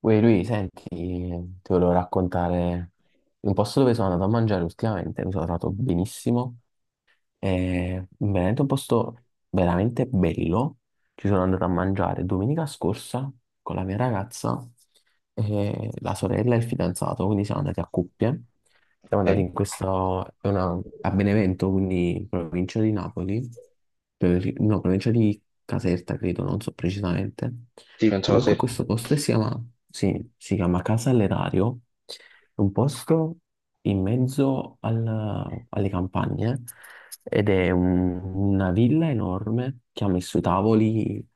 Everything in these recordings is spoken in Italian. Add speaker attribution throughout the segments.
Speaker 1: Uè, lui, senti, ti volevo raccontare un posto dove sono andato a mangiare ultimamente, mi sono trovato benissimo, in Veneto è veramente un posto veramente bello. Ci sono andato a mangiare domenica scorsa con la mia ragazza, e la sorella e il fidanzato, quindi siamo andati a coppie. Siamo andati
Speaker 2: Ok.
Speaker 1: in questo, a Benevento, quindi in provincia di Napoli, no, provincia di Caserta, credo, non so precisamente.
Speaker 2: Sì, non so
Speaker 1: Comunque
Speaker 2: se.
Speaker 1: questo posto si chiama, sì, si chiama Casa all'Erario, è un posto in mezzo alle campagne ed è una villa enorme che ha messo i tavoli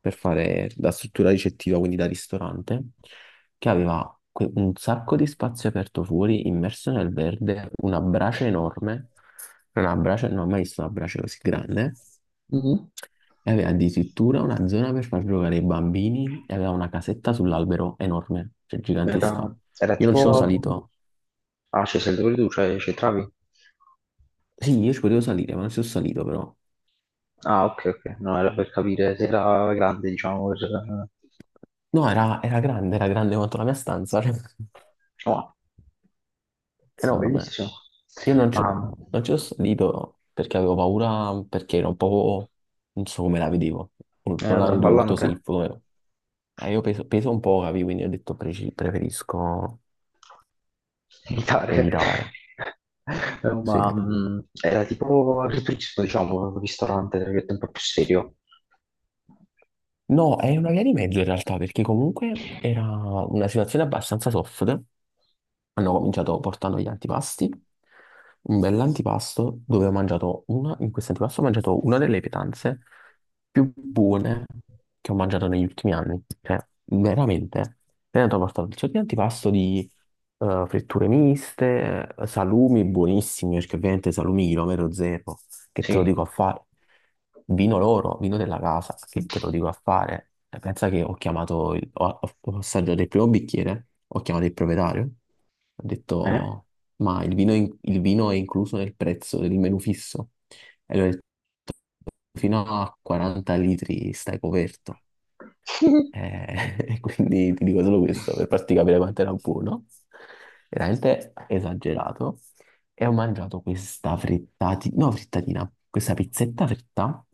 Speaker 1: per fare da struttura ricettiva, quindi da ristorante, che aveva un sacco di spazio aperto fuori, immerso nel verde, una brace enorme, una brace, non ho mai visto una brace così grande.
Speaker 2: Mhm.
Speaker 1: E aveva addirittura una zona per far giocare i bambini e aveva una casetta sull'albero enorme, cioè gigantesca.
Speaker 2: Era, era
Speaker 1: Io non ci sono
Speaker 2: tipo...
Speaker 1: salito.
Speaker 2: Ah, c'è sempre pure tu, cioè c'entravi?
Speaker 1: Sì, io ci potevo salire, ma non ci sono salito però.
Speaker 2: Ah, ok, ok, no, era per capire se era grande, diciamo, per...
Speaker 1: No, era, era grande quanto la mia stanza, cioè,
Speaker 2: Diciamo, ah,
Speaker 1: enorme.
Speaker 2: bellissimo.
Speaker 1: Io non ci,
Speaker 2: Ma
Speaker 1: non ci sono salito perché avevo paura, perché era un po', non so come la vedevo, non
Speaker 2: era
Speaker 1: la vedo molto
Speaker 2: traballante,
Speaker 1: safe. Come- io peso, peso un po', capi, quindi ho detto preferisco
Speaker 2: militare.
Speaker 1: evitare. Sì.
Speaker 2: Ma era tipo ripristino, diciamo, un ristorante, tra virgolette, un po' più serio.
Speaker 1: No, è una via di mezzo in realtà, perché comunque era una situazione abbastanza soft. Hanno cominciato portando gli antipasti, un bell'antipasto dove ho mangiato una, in questo antipasto ho mangiato una delle pietanze più buone che ho mangiato negli ultimi anni. Cioè, veramente. Poi hanno portato il sacco di antipasto di fritture miste, salumi buonissimi, perché ovviamente salumi chilometro zero, che te lo
Speaker 2: Sì,
Speaker 1: dico a fare, vino loro, vino della casa, che te lo dico a fare. E pensa che ho chiamato, ho assaggiato il primo bicchiere, ho chiamato il proprietario, ho
Speaker 2: eh?
Speaker 1: detto, ma il vino, il vino è incluso nel prezzo del menù fisso? E lui ha detto, fino a 40 litri stai coperto. E quindi ti dico solo questo per farti capire quanto era buono. Veramente esagerato. E ho mangiato questa no, frittatina, questa pizzetta fritta.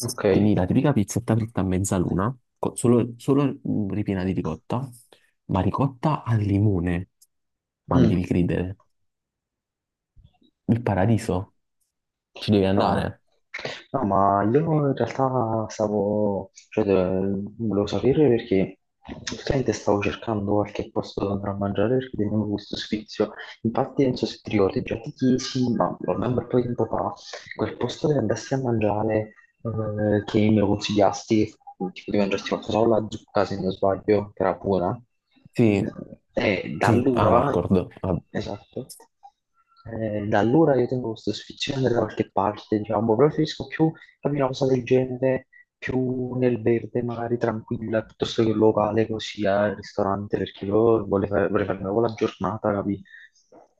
Speaker 2: Ok.
Speaker 1: Quindi la tipica pizzetta fritta a mezzaluna, solo, ripiena di ricotta, ma ricotta al limone. Ma mi
Speaker 2: Mm.
Speaker 1: devi credere, il paradiso, ci devi
Speaker 2: No,
Speaker 1: andare.
Speaker 2: no, ma io in realtà stavo, cioè, volevo sapere perché praticamente stavo cercando qualche posto dove andare a mangiare perché tenevo questo sfizio. Infatti, non so se ti ricordi, già ti chiesi, ma ormai un bel po' di tempo fa, quel posto dove andassi a mangiare che mi lo consigliasti, tipo di mangiarti qualcosa con la zucca, se non sbaglio, che era buona.
Speaker 1: Sì,
Speaker 2: E da
Speaker 1: sì, ah,
Speaker 2: allora,
Speaker 1: Marcord. Vabbè.
Speaker 2: esatto, da allora io tengo questo sfizione da qualche parte, diciamo, preferisco più capire una cosa del genere, più nel verde, magari tranquilla, piuttosto che un locale così al ristorante, perché io vorrei, vorrei farmi con la giornata, capi?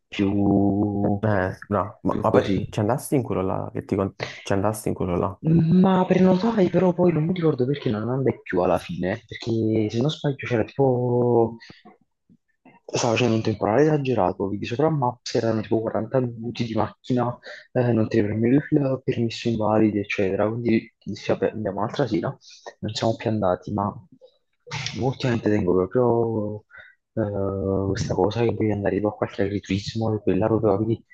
Speaker 2: Più,
Speaker 1: No,
Speaker 2: più
Speaker 1: ma poi
Speaker 2: così.
Speaker 1: ci andasti in quello là, ci andasti in quello là.
Speaker 2: Ma prenotai però poi non mi ricordo perché non andai più alla fine, perché se non sbaglio c'era tipo... Stava facendo un temporale esagerato, vedi sopra Maps erano tipo 40 minuti di macchina, non ti prendevi il permesso invalidi, eccetera. Quindi dissi, vabbè, andiamo un'altra sera, non siamo più andati, ma ultimamente tengo proprio questa cosa che devi andare tipo a qualche agriturismo, quella proprio, vedi,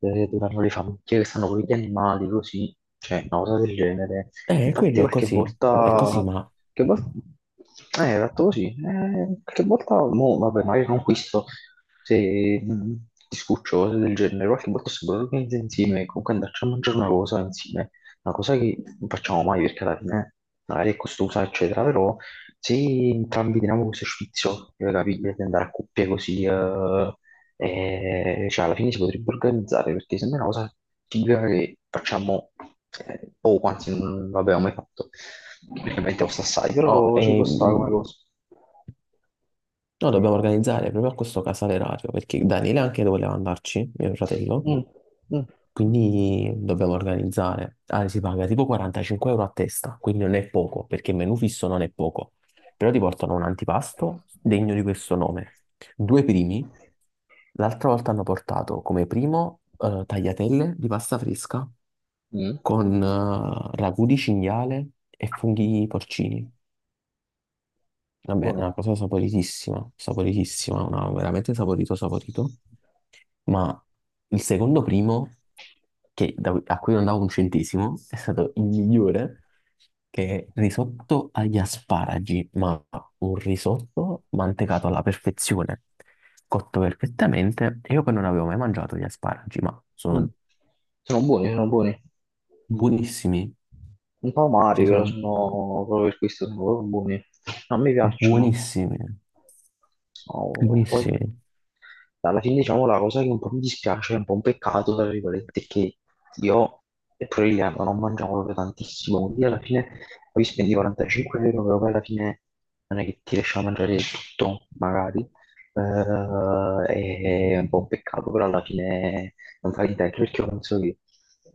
Speaker 2: dove vanno le famiglie che stanno con gli animali, così cioè una cosa del genere. Infatti
Speaker 1: Quello
Speaker 2: qualche
Speaker 1: è così,
Speaker 2: volta,
Speaker 1: ma
Speaker 2: che volta, esatto così, qualche volta, mo, vabbè, magari non questo, se ti scuccio, cose del genere, qualche volta se lo organizza insieme, comunque andarci a mangiare una cosa insieme, una cosa che non facciamo mai perché alla fine magari è costosa, eccetera, però se entrambi teniamo questo sfizio, capire, di andare a coppie così, cioè, alla fine si potrebbe organizzare perché sembra una cosa figa che facciamo poco, anzi, non l'abbiamo mai fatto perché ovviamente costa assai,
Speaker 1: no,
Speaker 2: però ci può stare come cosa.
Speaker 1: noi dobbiamo organizzare proprio a questo casale radio, perché Daniele anche voleva andarci, mio fratello,
Speaker 2: Mm, mm,
Speaker 1: quindi dobbiamo organizzare. Ah, si paga tipo 45 euro a testa, quindi non è poco, perché il menù fisso non è poco, però ti portano un antipasto degno di questo nome. Due primi, l'altra volta hanno portato come primo tagliatelle di pasta fresca
Speaker 2: mm,
Speaker 1: con ragù di cinghiale e funghi porcini. Vabbè, è una
Speaker 2: buono.
Speaker 1: cosa saporitissima, saporitissima, una, veramente saporito, saporito. Ma il secondo primo, a cui non davo un centesimo, è stato il migliore, che è risotto agli asparagi, ma un risotto mantecato alla perfezione, cotto perfettamente. E io poi non avevo mai mangiato gli asparagi, ma
Speaker 2: Mm.
Speaker 1: sono
Speaker 2: Sono buoni, sono buoni.
Speaker 1: buonissimi,
Speaker 2: Un po' amari,
Speaker 1: cioè
Speaker 2: però
Speaker 1: sono
Speaker 2: sono proprio per questo sono proprio buoni. No, a me piacciono.
Speaker 1: buonissimi,
Speaker 2: Oh, poi.
Speaker 1: buonissimi.
Speaker 2: Alla fine, diciamo, la cosa che un po' mi dispiace, è un po' un peccato, tra virgolette, è che io e Proiliano non mangiamo proprio tantissimo, quindi alla fine poi spendi 45 euro, però poi alla fine non è che ti riesci a mangiare tutto, magari. È un po' un peccato, però alla fine non fai niente, anche perché io penso che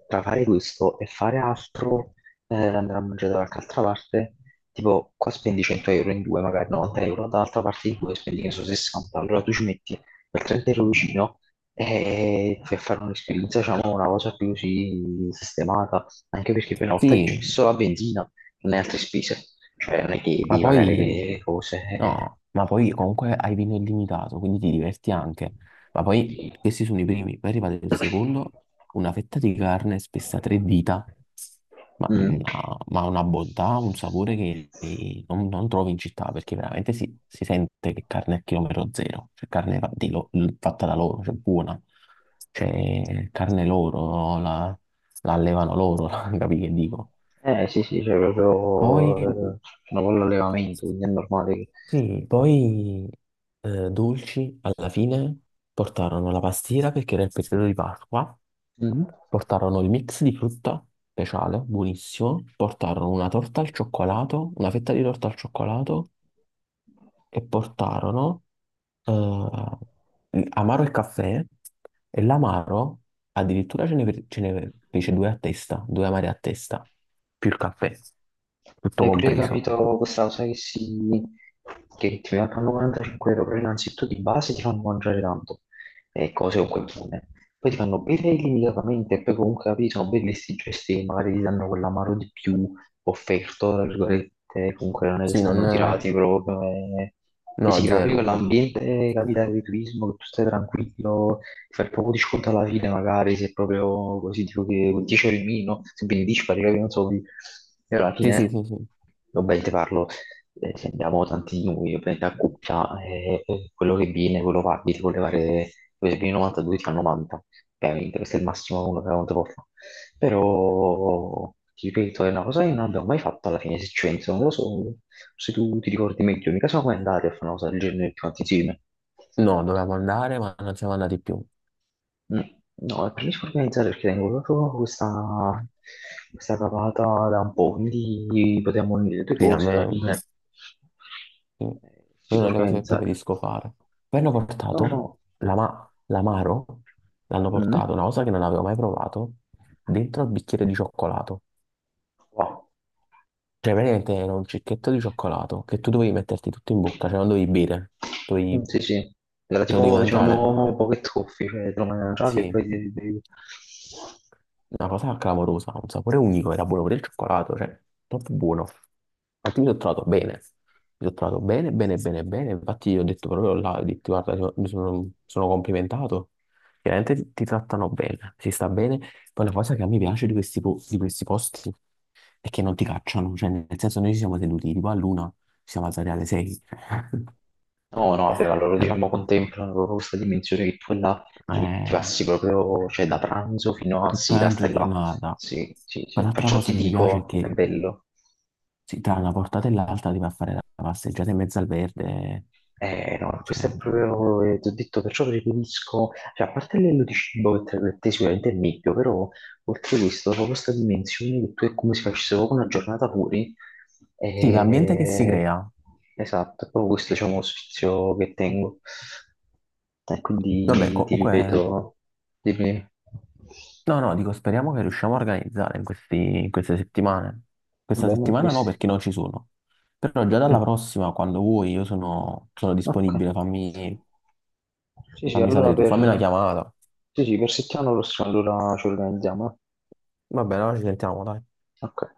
Speaker 2: tra fare questo e fare altro, andare a mangiare da qualche altra parte, tipo qua spendi 100 euro in due, magari 90 euro, dall'altra parte in due spendi, che ne so, 60, allora tu ci metti quel Trent ero vicino e fui a fare un'esperienza, diciamo, una cosa più sì, sistemata, anche perché poi una volta che ci ho
Speaker 1: Sì,
Speaker 2: messo la benzina, non hai altre spese, cioè non è che
Speaker 1: ma
Speaker 2: devi pagare
Speaker 1: poi,
Speaker 2: le cose. Eh,
Speaker 1: no, ma poi comunque hai vino illimitato, quindi ti diverti anche. Ma poi
Speaker 2: sì.
Speaker 1: questi sono i primi, poi è arrivato il secondo, una fetta di carne spessa a tre dita,
Speaker 2: Mm.
Speaker 1: ma una bontà, un sapore che non, non trovi in città, perché veramente si, si sente che carne a chilometro zero, cioè carne fa- di lo- fatta da loro, cioè buona, cioè carne loro, no? La allevano loro, capi che dico?
Speaker 2: Eh sì, sì, c'è
Speaker 1: Poi
Speaker 2: proprio, c'è un po' l'allevamento, quindi è normale che...
Speaker 1: sì, poi dolci alla fine portarono la pastiera perché era il periodo di Pasqua,
Speaker 2: Mhm.
Speaker 1: portarono il mix di frutta speciale, buonissimo, portarono una torta al cioccolato, una fetta di torta al cioccolato e portarono amaro e caffè e l'amaro addirittura ce ne fece due a testa, due amari a testa, più il caffè, tutto
Speaker 2: Hai pure
Speaker 1: compreso.
Speaker 2: capito questa cosa che, si, che ti fanno 45 euro, però innanzitutto di base ti fanno mangiare tanto, e cose comunque buone. Poi ti fanno bere illimitatamente e poi comunque capito, sono belli sti gesti, che magari ti danno quell'amaro di più offerto, tra virgolette, comunque non è che
Speaker 1: Sì,
Speaker 2: stanno
Speaker 1: non...
Speaker 2: tirati proprio, e si
Speaker 1: No,
Speaker 2: crea proprio
Speaker 1: zero.
Speaker 2: quell'ambiente, capita, di turismo, che tu stai tranquillo, fare proprio di sconto alla fine, magari se è proprio così, tipo che con 10 euro in meno, se vieni 10 pari, non so, di- e alla
Speaker 1: Sì, sì,
Speaker 2: fine,
Speaker 1: sì, sì.
Speaker 2: ovviamente parlo, se andiamo tanti di noi, ovviamente a coppia, quello che viene, quello paghi, ti vuole fare, se viene 92 ti fa 90, ovviamente, questo è il massimo che uno può fare. Però, ti ripeto, è una cosa che non abbiamo mai fatto alla fine, se ci penso, non lo so, se tu ti ricordi meglio, mica siamo mai andati a fare una cosa del genere tutti quanti insieme.
Speaker 1: No, dovevamo andare, ma non siamo andati più.
Speaker 2: Mm. No, preferisco organizzare perché tengo proprio questa cavata da un po', quindi potremmo unire le due
Speaker 1: Sì, a
Speaker 2: cose alla
Speaker 1: me
Speaker 2: fine.
Speaker 1: sì. È
Speaker 2: Si
Speaker 1: una
Speaker 2: può
Speaker 1: delle cose che
Speaker 2: organizzare.
Speaker 1: preferisco fare. Poi hanno
Speaker 2: No,
Speaker 1: portato
Speaker 2: no.
Speaker 1: l'amaro, l'hanno
Speaker 2: Mm.
Speaker 1: portato, una cosa che non avevo mai provato, dentro al bicchiere di cioccolato.
Speaker 2: Wow.
Speaker 1: Cioè, praticamente era un cicchetto di cioccolato che tu dovevi metterti tutto in bocca, cioè non dovevi bere, dovevi,
Speaker 2: Mm,
Speaker 1: te
Speaker 2: sì, sì. Era
Speaker 1: lo dovevi
Speaker 2: tipo,
Speaker 1: mangiare.
Speaker 2: diciamo, pocket coffee, cioè te lo mangiavi e
Speaker 1: Sì,
Speaker 2: poi ti bevi.
Speaker 1: una cosa clamorosa, un sapore unico, era buono pure il cioccolato, cioè, troppo buono. Infatti mi sono trovato bene, mi sono trovato bene, bene, bene, bene, infatti io ho detto proprio là, ho detto, guarda, io mi sono, sono complimentato, veramente ti, ti trattano bene, si sta bene. Poi la cosa che a me piace di questi, di questi posti è che non ti cacciano, cioè nel senso noi ci siamo tenuti tipo all'una, ci siamo alzati alle sei,
Speaker 2: No, no, vabbè, allora diciamo
Speaker 1: Capito?
Speaker 2: contemplano proprio questa dimensione che tu e là ti
Speaker 1: Eh,
Speaker 2: passi proprio, cioè da pranzo fino a
Speaker 1: tutta
Speaker 2: sera
Speaker 1: la
Speaker 2: stai là.
Speaker 1: giornata.
Speaker 2: Sì, sì,
Speaker 1: Poi
Speaker 2: sì.
Speaker 1: l'altra
Speaker 2: Perciò
Speaker 1: cosa
Speaker 2: ti
Speaker 1: che mi piace è
Speaker 2: dico, è
Speaker 1: che
Speaker 2: bello.
Speaker 1: sì, tra una portata e l'altra ti va a fare la passeggiata in mezzo al verde.
Speaker 2: No, questo
Speaker 1: Cioè,
Speaker 2: è proprio, ti ho detto, perciò preferisco, cioè, a parte l'ello di cibo che per te sicuramente è il meglio, però oltre questo, proprio questa dimensione che tu è come se facessi proprio una giornata fuori,
Speaker 1: sì, l'ambiente che si
Speaker 2: eh,
Speaker 1: crea.
Speaker 2: esatto, è proprio questo, diciamo, lo sfizio che tengo. E
Speaker 1: Vabbè,
Speaker 2: quindi ti
Speaker 1: comunque,
Speaker 2: ripeto, dimmi,
Speaker 1: no, no, dico, speriamo che riusciamo a organizzare in in queste settimane.
Speaker 2: va
Speaker 1: Questa
Speaker 2: bene, non
Speaker 1: settimana no,
Speaker 2: questi.
Speaker 1: perché non ci sono. Però già
Speaker 2: Mm,
Speaker 1: dalla prossima, quando vuoi, io sono, sono
Speaker 2: ok.
Speaker 1: disponibile. Fammi,
Speaker 2: Sì, sì,
Speaker 1: fammi
Speaker 2: allora
Speaker 1: sapere tu, fammi una
Speaker 2: per,
Speaker 1: chiamata.
Speaker 2: sì, sì, per settimana prossima allora ci organizziamo.
Speaker 1: Va bene, allora ci sentiamo, dai.
Speaker 2: Eh. Ok.